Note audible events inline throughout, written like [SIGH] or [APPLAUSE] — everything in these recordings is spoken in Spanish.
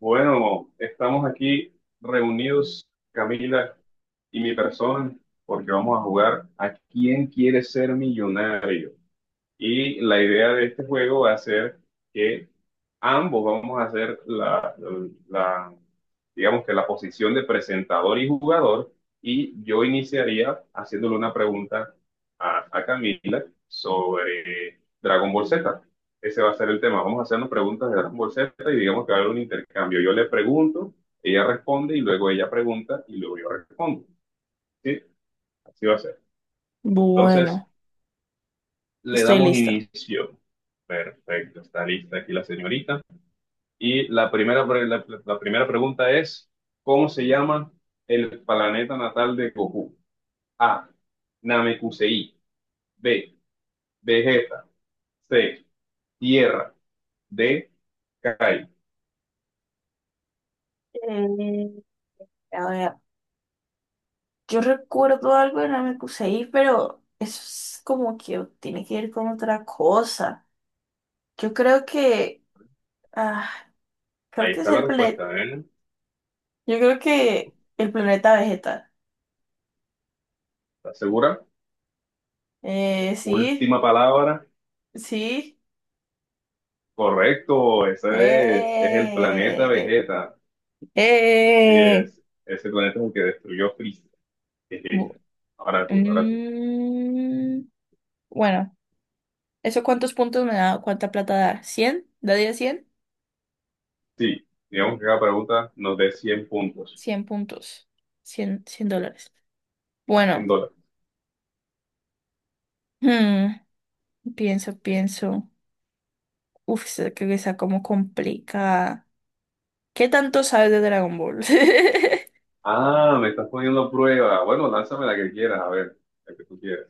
Bueno, estamos aquí reunidos, Camila y mi persona, porque vamos a jugar a quién quiere ser millonario. Y la idea de este juego va a ser que ambos vamos a hacer la- digamos que la posición de presentador y jugador. Y yo iniciaría haciéndole una pregunta a Camila sobre Dragon Ball Z. Ese va a ser el tema. Vamos a hacernos preguntas de Dragon Ball Z y digamos que va a haber un intercambio. Yo le pregunto, ella responde y luego ella pregunta y luego yo respondo. ¿Sí? Así va a ser. Entonces, Bueno, le estoy damos lista. inicio. Perfecto, está lista aquí la señorita. Y la primera pregunta es, ¿cómo se llama el planeta natal de Goku? A. Namekusei. B. Vegeta. C. Tierra. D. Kai. Eh, a ver, yo recuerdo algo de la me puse ahí, pero eso es como que tiene que ver con otra cosa. Yo creo que, ah, creo Ahí que es está la el respuesta, ¿eh? yo creo que el planeta Vegeta. ¿Estás segura? Sí, Última palabra. sí, Correcto, ese es el planeta eh, Vegeta. Sí eh, es, ese planeta es el que destruyó Freezer. Bu- [LAUGHS] Ahora tú, ahora tú. mm, bueno, ¿eso cuántos puntos me da? ¿Cuánta plata da? ¿100? ¿Daría 100 daría 100? Sí, digamos que cada pregunta nos dé 100 puntos, 100 puntos. Cien dólares. Bueno, 100 dólares. hmm, pienso. Uf, esa creo que está como complicada. ¿Qué tanto sabes de Dragon Ball? [LAUGHS] Ah, me estás poniendo a prueba. Bueno, lánzame la que quieras, a ver, la que tú quieras.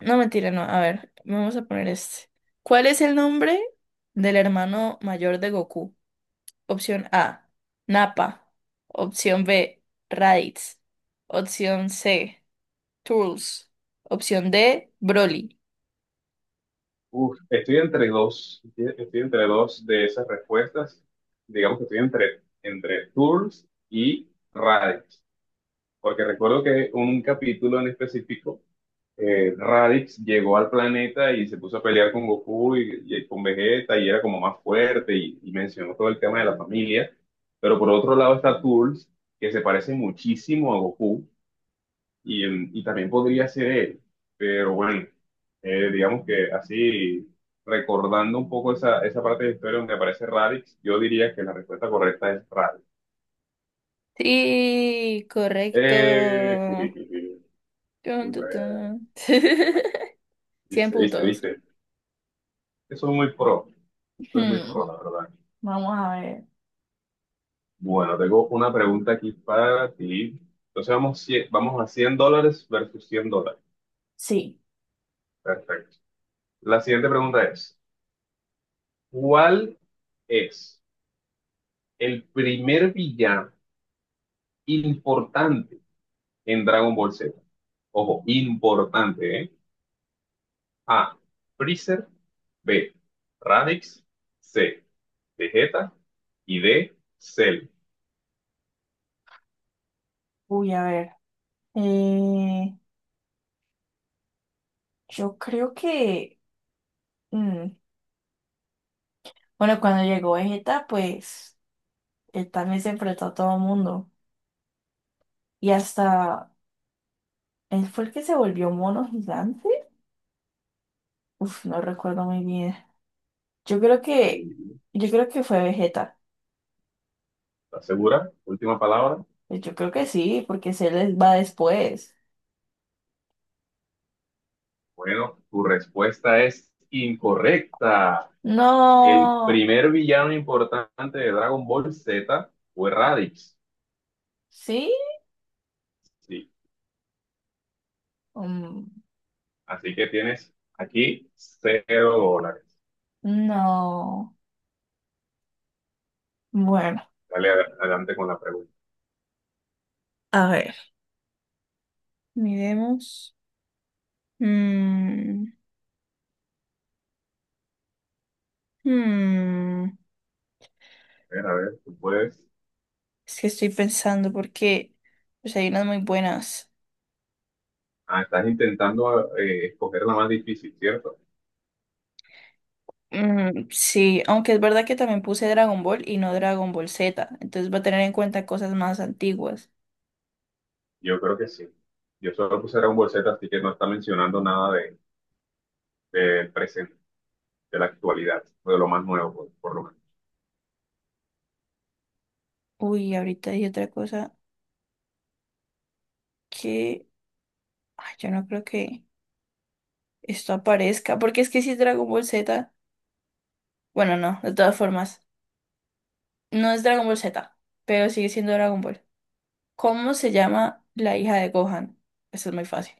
No, mentira, no. A ver, vamos a poner este. ¿Cuál es el nombre del hermano mayor de Goku? Opción A, Nappa. Opción B, Raditz. Opción C, Trunks. Opción D, Broly. Uf, estoy entre dos de esas respuestas. Digamos que estoy entre tours y raids, porque recuerdo que un capítulo en específico Raditz llegó al planeta y se puso a pelear con Goku y con Vegeta y era como más fuerte y mencionó todo el tema de la familia. Pero por otro lado está Turles, que se parece muchísimo a Goku y, y también podría ser él. Pero bueno, digamos que así recordando un poco esa parte de la historia donde aparece Raditz, yo diría que la respuesta correcta es Raditz. Sí, Eh, correcto. [LAUGHS] Tun, tun, super, tun. [LAUGHS] 100 viste, viste, puntos. viste. Eso es muy pro, soy muy Hmm, pro, la verdad. vamos a ver. Bueno, tengo una pregunta aquí para ti. Entonces vamos, vamos a 100 dólares versus 100 dólares. Sí. Perfecto. La siguiente pregunta es, ¿cuál es el primer villano importante en Dragon Ball Z? Ojo, importante, ¿eh? A, Freezer, B, Radix, C, Vegeta y D, Cell. Uy, a ver. Eh, yo creo que. mm, Bueno, cuando llegó Vegeta, pues él también se enfrentó a todo el mundo. Y hasta. Él fue el que se volvió mono gigante. Uf, no recuerdo muy bien. Yo creo que. ¿Estás Yo creo que fue Vegeta. segura? Última palabra. Pues yo creo que sí, porque se les va después. Bueno, tu respuesta es incorrecta. El No. primer villano importante de Dragon Ball Z fue Raditz. ¿Sí? Sí. Mm, Así que tienes aquí cero dólares. no. Bueno, Dale adelante con la pregunta. a ver, miremos. Mm, mm, A ver, tú puedes. es que estoy pensando porque pues, hay unas muy buenas. Ah, estás intentando escoger la más difícil, ¿cierto? Mm, sí, aunque es verdad que también puse Dragon Ball y no Dragon Ball Z, entonces va a tener en cuenta cosas más antiguas. Yo creo que sí. Yo solo puse Dragon Ball Z, así que no está mencionando nada del presente, de la actualidad, o de lo más nuevo, por lo menos. Uy, ahorita hay otra cosa que ay, yo no creo que esto aparezca, porque es que si es Dragon Ball Z, bueno, no, de todas formas, no es Dragon Ball Z, pero sigue siendo Dragon Ball. ¿Cómo se llama la hija de Gohan? Eso es muy fácil.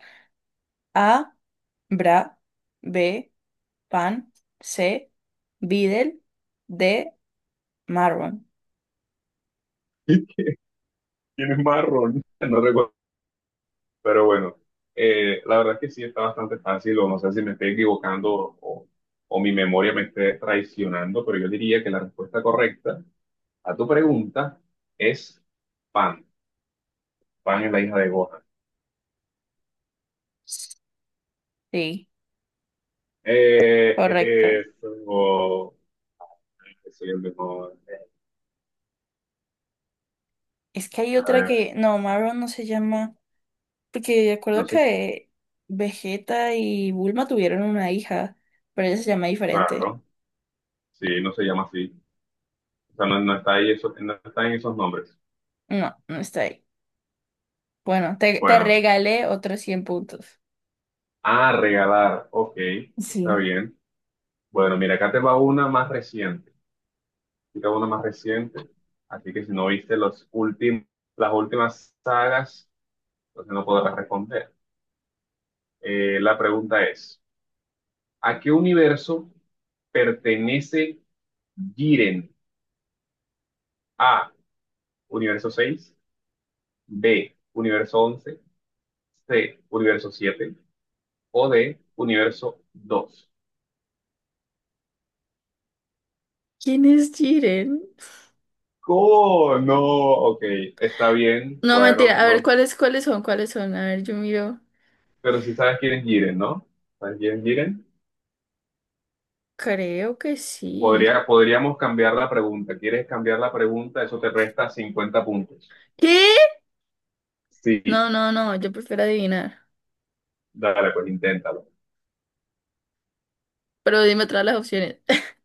A. Bra. B. Pan. C. Videl. D. Marron. [LAUGHS] Tienes marrón. No recuerdo. Pero bueno, la verdad es que sí está bastante fácil, o no sé si me estoy equivocando o, o mi memoria me esté traicionando, pero yo diría que la respuesta correcta a tu pregunta es Pan. Pan es la hija de Gohan. Sí, Eh, correcto. eso, Soy el mejor. Es que hay A otra ver, que. No, Marron no se llama. Porque de no acuerdo sé, que Vegeta y Bulma tuvieron una hija, pero ella se llama diferente. claro, sí, no se llama así. O sea, no, no está ahí eso, no está en esos nombres. No, no está ahí. Bueno, te Bueno, regalé otros 100 puntos. ah, regalar, ok, está Sí. bien. Bueno, mira, acá te va una más reciente. Explica uno más reciente. Así que si no viste los últimos, las últimas sagas, entonces no podrás responder. La pregunta es, ¿a qué universo pertenece Jiren? A, universo 6, B, universo 11, C, universo 7 o D, universo 2. ¿Quién es Jiren? ¡Oh, no! Ok, está bien, No, bueno, mentira. A ver, no. ¿Cuáles son? ¿Cuáles son? A ver, yo miro. Pero si sabes quién es Jiren, ¿no? ¿Sabes quién es Jiren? Creo que sí. Podría, podríamos cambiar la pregunta. ¿Quieres cambiar la pregunta? Eso te resta 50 puntos. ¿Qué? No, Sí, no, no. Yo prefiero adivinar. dale, pues inténtalo. Pero dime todas las opciones. [LAUGHS]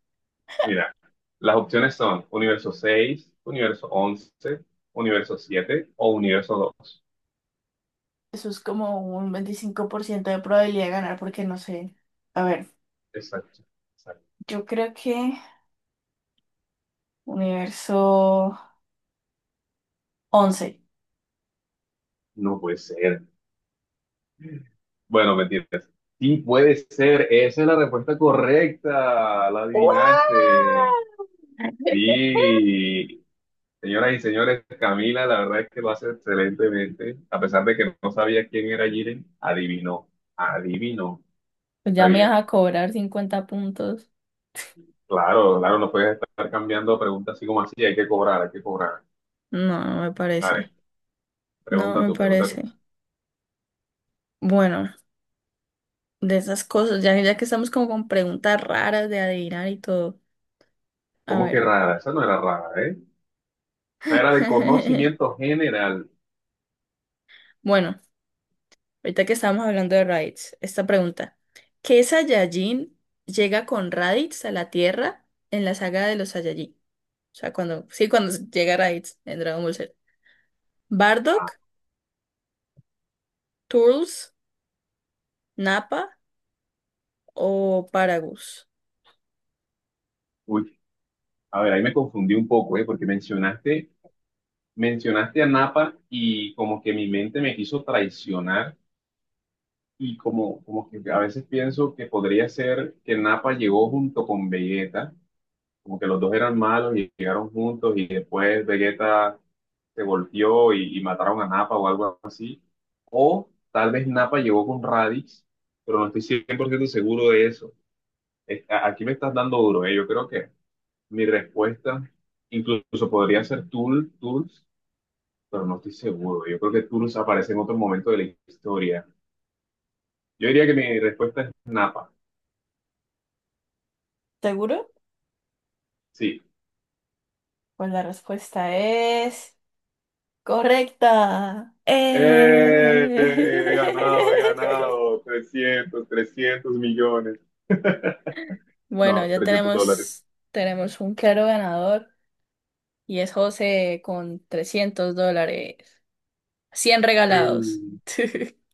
Mira, las opciones son universo seis, universo once, universo 7 o universo dos. Eso es como un 25% de probabilidad de ganar porque no sé. A ver, Exacto. Exacto. yo creo que universo 11. No puede ser. Bueno, mentiras. Sí, puede ser. Esa es la respuesta correcta. La ¡Guau! adivinaste. [LAUGHS] Sí, señoras y señores, Camila, la verdad es que lo hace excelentemente. A pesar de que no sabía quién era Jiren, adivinó, adivinó. Pues Está ya me bien. vas a cobrar 50 puntos. Claro, claro, no puedes estar cambiando preguntas así como así, hay que cobrar, hay que cobrar. No, no me Dale, parece. No pregunta me tú, pregunta tú. parece. Bueno, de esas cosas, ya que estamos como con preguntas raras de adivinar y todo. A ¿Cómo que ver. rara? Esa no era rara, ¿eh? Esa era de [LAUGHS] conocimiento general. Bueno, ahorita que estábamos hablando de Raditz, esta pregunta. ¿Qué Saiyajin llega con Raditz a la Tierra en la saga de los Saiyajin? O sea, cuando, sí, cuando llega Raditz en Dragon Ball Z. Ah, ¿Bardock, Turles, Nappa o Paragus? uy, a ver, ahí me confundí un poco, ¿eh? Porque mencionaste a Napa y como que mi mente me quiso traicionar. Y como que a veces pienso que podría ser que Nappa llegó junto con Vegeta, como que los dos eran malos y llegaron juntos y después Vegeta se golpeó y mataron a Nappa o algo así. O tal vez Nappa llegó con Raditz, pero no estoy 100% seguro de eso. Aquí me estás dando duro, ¿eh? Yo creo que mi respuesta incluso podría ser Tools, pero no estoy seguro. Yo creo que Tools aparece en otro momento de la historia. Yo diría que mi respuesta es Nappa. ¿Seguro? Sí, Pues la respuesta es correcta. He ganado, he ganado [LAUGHS] trescientos millones. Bueno, No, ya 300 dólares. Tenemos un claro ganador. Y es José con $300. 100 regalados. Mm. [LAUGHS]